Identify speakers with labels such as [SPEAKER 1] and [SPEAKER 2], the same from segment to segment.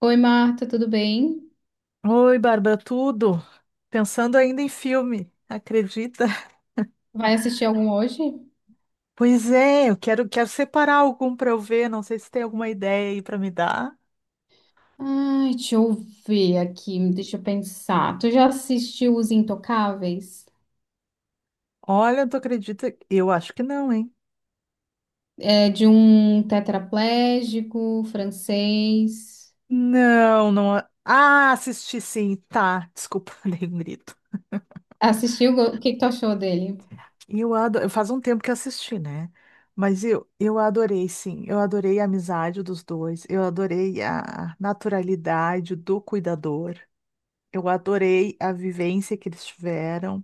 [SPEAKER 1] Oi, Marta, tudo bem?
[SPEAKER 2] Oi, Bárbara, tudo? Pensando ainda em filme, acredita?
[SPEAKER 1] Vai assistir algum hoje?
[SPEAKER 2] Pois é, eu quero, quero separar algum para eu ver, não sei se tem alguma ideia aí para me dar.
[SPEAKER 1] Ai, deixa eu ver aqui, deixa eu pensar. Tu já assistiu Os Intocáveis?
[SPEAKER 2] Olha, tu acredita? Eu acho que não, hein?
[SPEAKER 1] É de um tetraplégico francês.
[SPEAKER 2] Não, não. Ah, assisti sim, tá. Desculpa, dei um grito.
[SPEAKER 1] Assistiu? O que que tu achou dele?
[SPEAKER 2] Eu adoro, faz um tempo que eu assisti, né? Mas eu adorei, sim. Eu adorei a amizade dos dois. Eu adorei a naturalidade do cuidador. Eu adorei a vivência que eles tiveram.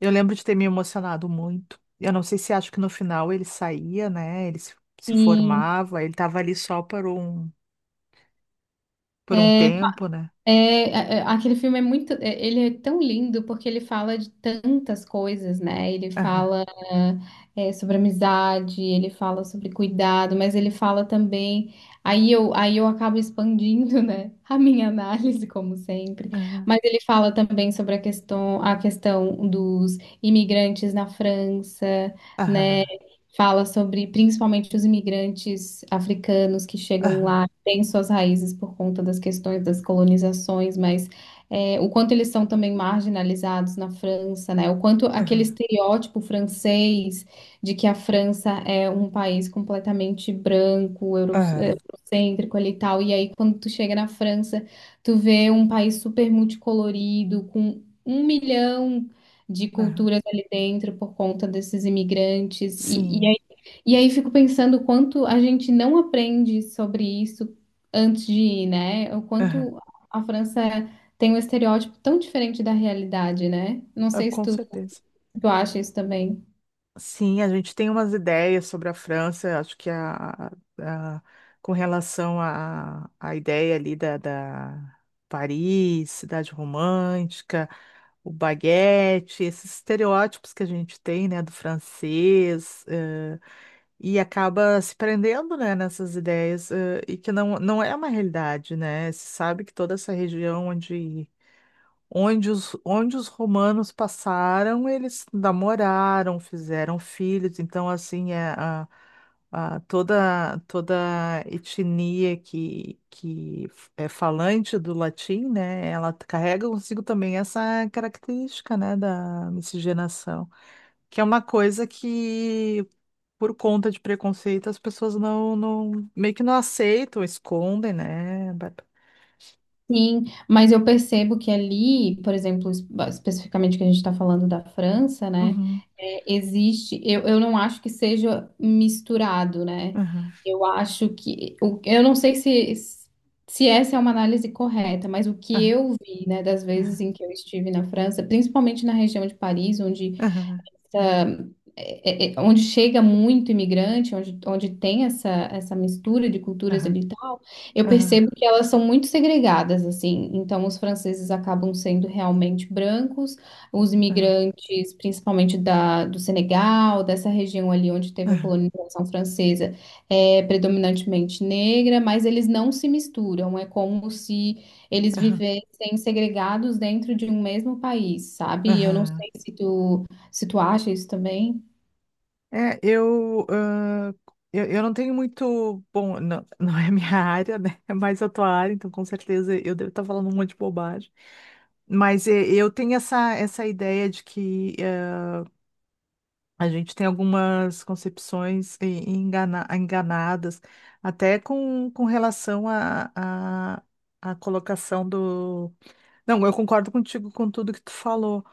[SPEAKER 2] Eu lembro de ter me emocionado muito. Eu não sei se acho que no final ele saía, né? Ele se, se
[SPEAKER 1] Sim.
[SPEAKER 2] formava, ele estava ali só por um tempo, né?
[SPEAKER 1] É, é, aquele filme é muito, é, ele é tão lindo porque ele fala de tantas coisas, né? Ele
[SPEAKER 2] Aham,
[SPEAKER 1] fala é, sobre amizade, ele fala sobre cuidado, mas ele fala também. Aí eu acabo expandindo, né? A minha análise, como sempre.
[SPEAKER 2] aham,
[SPEAKER 1] Mas ele fala também sobre a questão dos imigrantes na França, né?
[SPEAKER 2] aham,
[SPEAKER 1] Fala sobre principalmente os imigrantes africanos que chegam
[SPEAKER 2] aham,
[SPEAKER 1] lá, têm suas raízes por conta das questões das colonizações, mas é, o quanto eles são também marginalizados na França, né? O quanto aquele
[SPEAKER 2] aham,
[SPEAKER 1] estereótipo francês de que a França é um país completamente branco,
[SPEAKER 2] aham,
[SPEAKER 1] eurocêntrico ali e tal, e aí quando tu chega na França, tu vê um país super multicolorido, com um milhão de
[SPEAKER 2] aham.
[SPEAKER 1] culturas ali dentro por conta desses imigrantes. E, e
[SPEAKER 2] Sim,
[SPEAKER 1] aí, e aí fico pensando o quanto a gente não aprende sobre isso antes de ir, né? O
[SPEAKER 2] aham,
[SPEAKER 1] quanto a França tem um estereótipo tão diferente da realidade, né? Não
[SPEAKER 2] ah,
[SPEAKER 1] sei se
[SPEAKER 2] com
[SPEAKER 1] tu,
[SPEAKER 2] certeza.
[SPEAKER 1] tu acha isso também.
[SPEAKER 2] Sim, a gente tem umas ideias sobre a França, acho que a- com relação à à ideia ali da, da Paris, cidade romântica, o baguete, esses estereótipos que a gente tem, né, do francês, e acaba se prendendo, né, nessas ideias, e que não, não é uma realidade, né? Se sabe que toda essa região onde os, onde os romanos passaram, eles namoraram, fizeram filhos. Então, assim, toda, toda etnia que é falante do latim, né? Ela carrega consigo também essa característica, né, da miscigenação, que é uma coisa que, por conta de preconceito, as pessoas não, não meio que não aceitam, escondem, né? Bárbara?
[SPEAKER 1] Sim, mas eu percebo que ali, por exemplo, especificamente que a gente está falando da França, né?
[SPEAKER 2] Uhum,
[SPEAKER 1] É, existe, eu não acho que seja misturado, né?
[SPEAKER 2] uhum,
[SPEAKER 1] Eu acho que, eu não sei se, se essa é uma análise correta, mas o que
[SPEAKER 2] uhum,
[SPEAKER 1] eu vi, né, das
[SPEAKER 2] uhum,
[SPEAKER 1] vezes em que eu estive na França, principalmente na região de Paris, onde
[SPEAKER 2] uhum,
[SPEAKER 1] onde chega muito imigrante, onde tem essa, essa mistura de culturas
[SPEAKER 2] uhum.
[SPEAKER 1] ali e tal, eu
[SPEAKER 2] Aham,
[SPEAKER 1] percebo que elas são muito segregadas, assim. Então, os franceses acabam sendo realmente brancos, os
[SPEAKER 2] aham,
[SPEAKER 1] imigrantes, principalmente do Senegal, dessa região ali onde teve a
[SPEAKER 2] aham,
[SPEAKER 1] colonização francesa, é predominantemente negra, mas eles não se misturam, é como se eles
[SPEAKER 2] aham,
[SPEAKER 1] vivessem segregados dentro de um mesmo país, sabe? Eu não
[SPEAKER 2] aham.
[SPEAKER 1] sei se tu acha isso também.
[SPEAKER 2] É, eu, ah, eu não tenho muito. Bom, não, não é a minha área, né? É mais a tua área, então com certeza eu devo estar falando um monte de bobagem. Mas eu tenho essa, essa ideia de que a gente tem algumas concepções enganadas, até com relação à à à colocação do. Não, eu concordo contigo com tudo que tu falou,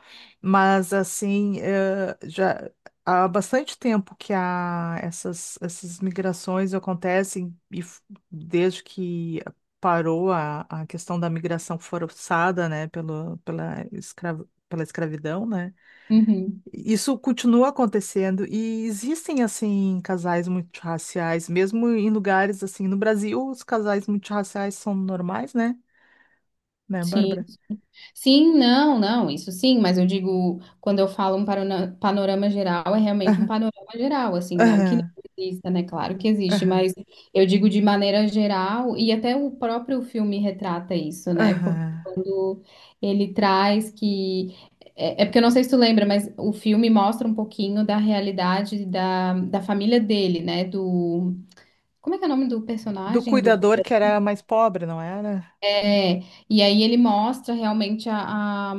[SPEAKER 2] mas assim, já há bastante tempo que há essas, essas migrações acontecem, desde que parou a questão da migração forçada, né, pelo, pela escravidão, né?
[SPEAKER 1] Uhum.
[SPEAKER 2] Isso continua acontecendo e existem assim casais multirraciais, mesmo em lugares assim, no Brasil, os casais multirraciais são normais, né? Né,
[SPEAKER 1] Sim.
[SPEAKER 2] Bárbara?
[SPEAKER 1] Sim, não, não, isso sim, mas eu digo, quando eu falo um panorama geral, é realmente um panorama geral, assim, não que não
[SPEAKER 2] Aham,
[SPEAKER 1] exista, né? Claro que existe,
[SPEAKER 2] aham,
[SPEAKER 1] mas eu digo de maneira geral, e até o próprio filme retrata isso, né? Porque
[SPEAKER 2] aham.
[SPEAKER 1] quando ele traz que. É, é porque eu não sei se tu lembra, mas o filme mostra um pouquinho da realidade da família dele, né? Do. Como é que é o nome do
[SPEAKER 2] Do
[SPEAKER 1] personagem? Do.
[SPEAKER 2] cuidador que era mais pobre, não era?
[SPEAKER 1] É, e aí ele mostra realmente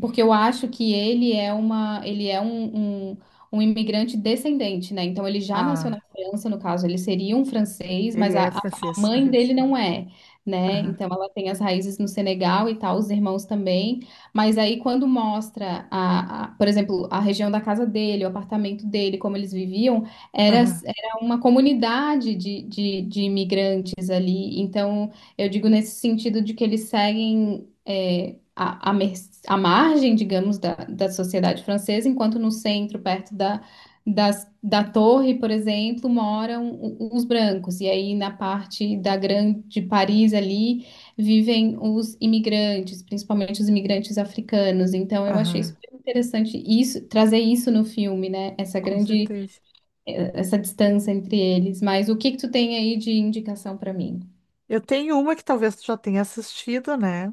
[SPEAKER 1] porque eu acho que ele é uma, ele é um, um, um imigrante descendente, né? Então ele já nasceu na
[SPEAKER 2] Ah,
[SPEAKER 1] França, no caso, ele seria um francês,
[SPEAKER 2] ele
[SPEAKER 1] mas
[SPEAKER 2] é
[SPEAKER 1] a
[SPEAKER 2] francês.
[SPEAKER 1] mãe
[SPEAKER 2] Aham,
[SPEAKER 1] dele não é, né?
[SPEAKER 2] aham,
[SPEAKER 1] Então ela tem as raízes no Senegal e tal, os irmãos também. Mas aí quando mostra por exemplo, a região da casa dele, o apartamento dele, como eles viviam, era,
[SPEAKER 2] aham.
[SPEAKER 1] era uma comunidade de, de imigrantes ali. Então eu digo nesse sentido de que eles seguem é, a margem, digamos, da sociedade francesa, enquanto no centro, perto da torre, por exemplo, moram os brancos. E aí na parte da grande Paris ali vivem os imigrantes, principalmente os imigrantes africanos. Então eu achei super interessante isso, trazer isso no filme, né? Essa
[SPEAKER 2] Com
[SPEAKER 1] grande,
[SPEAKER 2] certeza.
[SPEAKER 1] eh, essa distância entre eles. Mas o que que tu tem aí de indicação para mim?
[SPEAKER 2] Eu tenho uma que talvez tu já tenha assistido, né?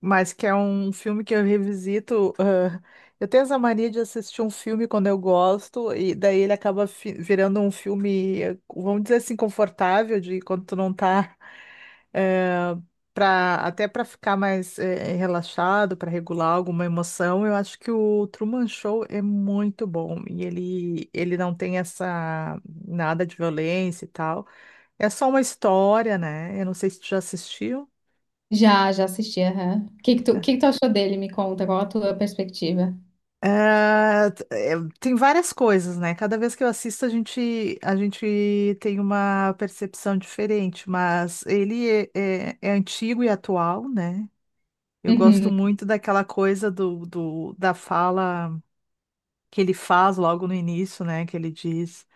[SPEAKER 2] Mas que é um filme que eu revisito. Ah, eu tenho essa mania de assistir um filme quando eu gosto, e daí ele acaba virando um filme, vamos dizer assim, confortável, de quando tu não tá. eh, Pra, até para ficar mais relaxado, para regular alguma emoção. Eu acho que o Truman Show é muito bom, e ele não tem essa, nada de violência e tal. É só uma história, né? Eu não sei se tu já assistiu.
[SPEAKER 1] Já, já assisti, aham. O
[SPEAKER 2] É,
[SPEAKER 1] que que tu achou dele? Me conta, qual a tua perspectiva?
[SPEAKER 2] ah, é, tem várias coisas, né? Cada vez que eu assisto, a gente tem uma percepção diferente, mas ele é, é antigo e atual, né? Eu gosto
[SPEAKER 1] Uhum,
[SPEAKER 2] muito daquela coisa do, da fala que ele faz logo no início, né? Que ele diz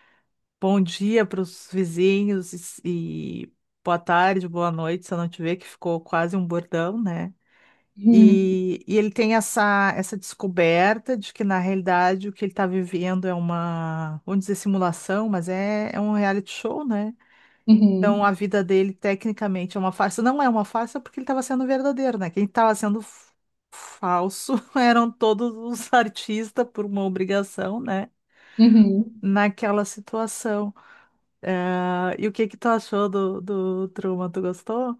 [SPEAKER 2] bom dia para os vizinhos e boa tarde, boa noite, se eu não te ver, que ficou quase um bordão, né?
[SPEAKER 1] uhum,
[SPEAKER 2] E ele tem essa, essa descoberta de que, na realidade, o que ele está vivendo é uma, vamos dizer, simulação, mas é, é um reality show, né? Então,
[SPEAKER 1] uhum,
[SPEAKER 2] a vida dele, tecnicamente, é uma farsa. Não é uma farsa porque ele estava sendo verdadeiro, né? Quem estava sendo falso eram todos os artistas por uma obrigação, né?
[SPEAKER 1] uhum.
[SPEAKER 2] Naquela situação. E o que que tu achou do, do Truman? Tu gostou?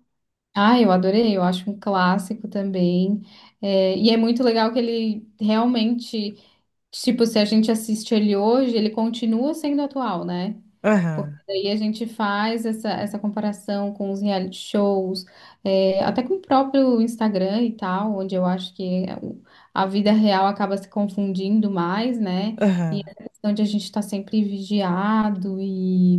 [SPEAKER 1] Ah, eu adorei, eu acho um clássico também. É, e é muito legal que ele realmente, tipo, se a gente assiste ele hoje, ele continua sendo atual, né? Porque
[SPEAKER 2] Aham,
[SPEAKER 1] daí a gente faz essa, essa comparação com os reality shows, é, até com o próprio Instagram e tal, onde eu acho que eh, a vida real acaba se confundindo mais, né? E
[SPEAKER 2] aham.
[SPEAKER 1] essa questão de a gente estar sempre vigiado e.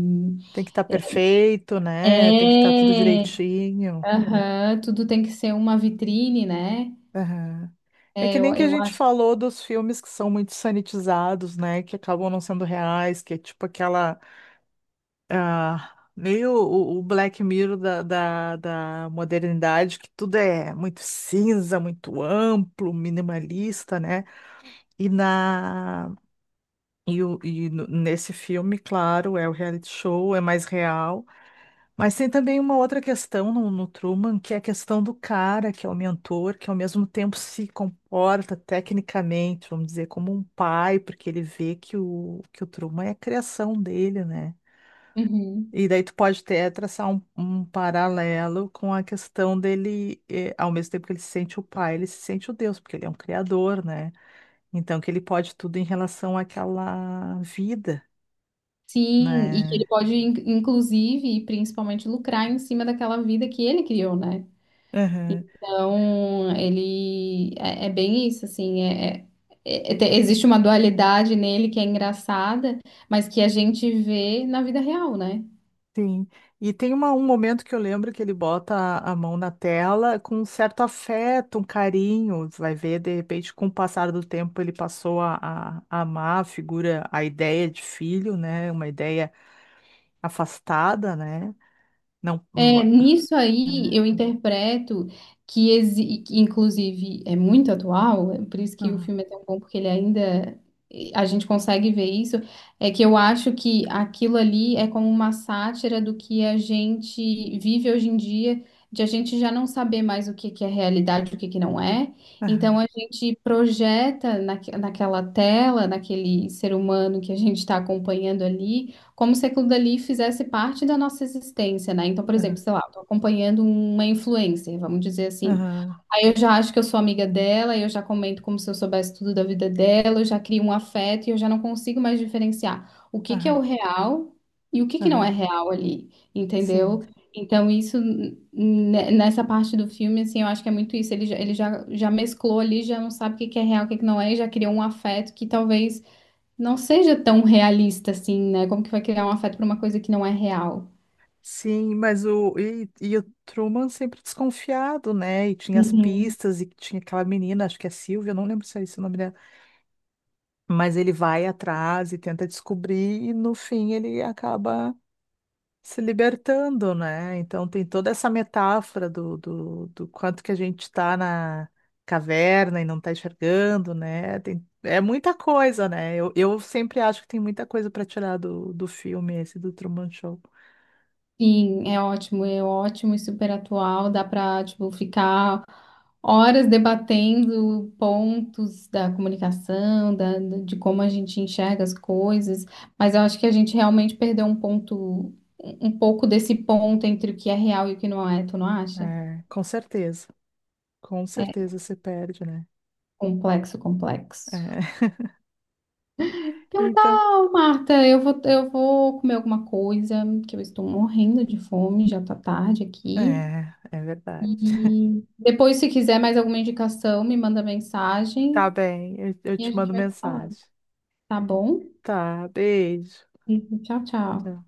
[SPEAKER 2] Tem que estar perfeito, né? Tem que estar tudo
[SPEAKER 1] É!
[SPEAKER 2] direitinho.
[SPEAKER 1] Aham, tudo tem que ser uma vitrine, né?
[SPEAKER 2] Aham. É que nem que a
[SPEAKER 1] Eu
[SPEAKER 2] gente
[SPEAKER 1] acho.
[SPEAKER 2] falou dos filmes que são muito sanitizados, né? Que acabam não sendo reais, que é tipo aquela, ah, meio o Black Mirror da, da, da modernidade, que tudo é muito cinza, muito amplo, minimalista, né? E na, e nesse filme, claro, é o reality show, é mais real. Mas tem também uma outra questão no Truman, que é a questão do cara, que é o mentor, que ao mesmo tempo se comporta tecnicamente, vamos dizer, como um pai, porque ele vê que o Truman é a criação dele, né?
[SPEAKER 1] Uhum.
[SPEAKER 2] E daí tu pode até traçar um, um paralelo com a questão dele, ao mesmo tempo que ele se sente o pai, ele se sente o Deus, porque ele é um criador, né? Então que ele pode tudo em relação àquela vida,
[SPEAKER 1] Sim, e que ele
[SPEAKER 2] né?
[SPEAKER 1] pode, inclusive, e principalmente, lucrar em cima daquela vida que ele criou, né? Então, ele é, é bem isso, assim, é, existe uma dualidade nele que é engraçada, mas que a gente vê na vida real, né?
[SPEAKER 2] Sim, e tem um momento que eu lembro que ele bota a mão na tela com um certo afeto, um carinho. Você vai ver, de repente, com o passar do tempo, ele passou a, a amar a figura, a ideia de filho, né? Uma ideia afastada, né? Não.
[SPEAKER 1] É,
[SPEAKER 2] Uma...
[SPEAKER 1] nisso aí
[SPEAKER 2] Aham,
[SPEAKER 1] eu interpreto que, que, inclusive, é muito atual, é por isso que o
[SPEAKER 2] aham,
[SPEAKER 1] filme é tão bom, porque ele ainda. A gente consegue ver isso. É que eu acho que aquilo ali é como uma sátira do que a gente vive hoje em dia, de a gente já não saber mais o que que é realidade, e o que que não é. Então a gente projeta naquela tela, naquele ser humano que a gente está acompanhando ali como se aquilo dali fizesse parte da nossa existência, né? Então, por exemplo,
[SPEAKER 2] aham,
[SPEAKER 1] sei lá, eu tô acompanhando uma influencer, vamos dizer assim.
[SPEAKER 2] aham,
[SPEAKER 1] Aí eu já acho que eu sou amiga dela, eu já comento como se eu soubesse tudo da vida dela, eu já crio um afeto e eu já não consigo mais diferenciar o que que é
[SPEAKER 2] aham,
[SPEAKER 1] o real e o que que não é
[SPEAKER 2] aham.
[SPEAKER 1] real ali, entendeu?
[SPEAKER 2] Sim,
[SPEAKER 1] Então, isso, né, nessa parte do filme, assim, eu acho que é muito isso. Já mesclou ali, já não sabe o que que é real, o que que não é, e já criou um afeto que talvez não seja tão realista assim, né? Como que vai criar um afeto para uma coisa que não é real?
[SPEAKER 2] sim, mas e o Truman sempre desconfiado, né? E tinha as
[SPEAKER 1] Uhum.
[SPEAKER 2] pistas e tinha aquela menina, acho que é Silvia, eu não lembro se é esse o nome dela. Mas ele vai atrás e tenta descobrir, e no fim ele acaba se libertando, né? Então tem toda essa metáfora do, do, do quanto que a gente está na caverna e não está enxergando, né? Tem, é muita coisa, né? Eu sempre acho que tem muita coisa para tirar do, do filme esse do Truman Show.
[SPEAKER 1] Sim, é ótimo e super atual, dá para, tipo, ficar horas debatendo pontos da comunicação, de como a gente enxerga as coisas, mas eu acho que a gente realmente perdeu um ponto, um pouco desse ponto entre o que é real e o que não é, tu não acha?
[SPEAKER 2] É, com certeza. Com
[SPEAKER 1] É
[SPEAKER 2] certeza se perde, né?
[SPEAKER 1] complexo, complexo.
[SPEAKER 2] É.
[SPEAKER 1] Então tá,
[SPEAKER 2] Então,
[SPEAKER 1] Marta, eu vou comer alguma coisa, que eu estou morrendo de fome, já tá tarde aqui.
[SPEAKER 2] é, é verdade.
[SPEAKER 1] E depois, se quiser mais alguma indicação, me manda
[SPEAKER 2] Tá
[SPEAKER 1] mensagem
[SPEAKER 2] bem, eu
[SPEAKER 1] e a
[SPEAKER 2] te
[SPEAKER 1] gente
[SPEAKER 2] mando
[SPEAKER 1] vai se falando,
[SPEAKER 2] mensagem.
[SPEAKER 1] tá bom?
[SPEAKER 2] Tá, beijo.
[SPEAKER 1] Tchau, tchau.
[SPEAKER 2] Tá.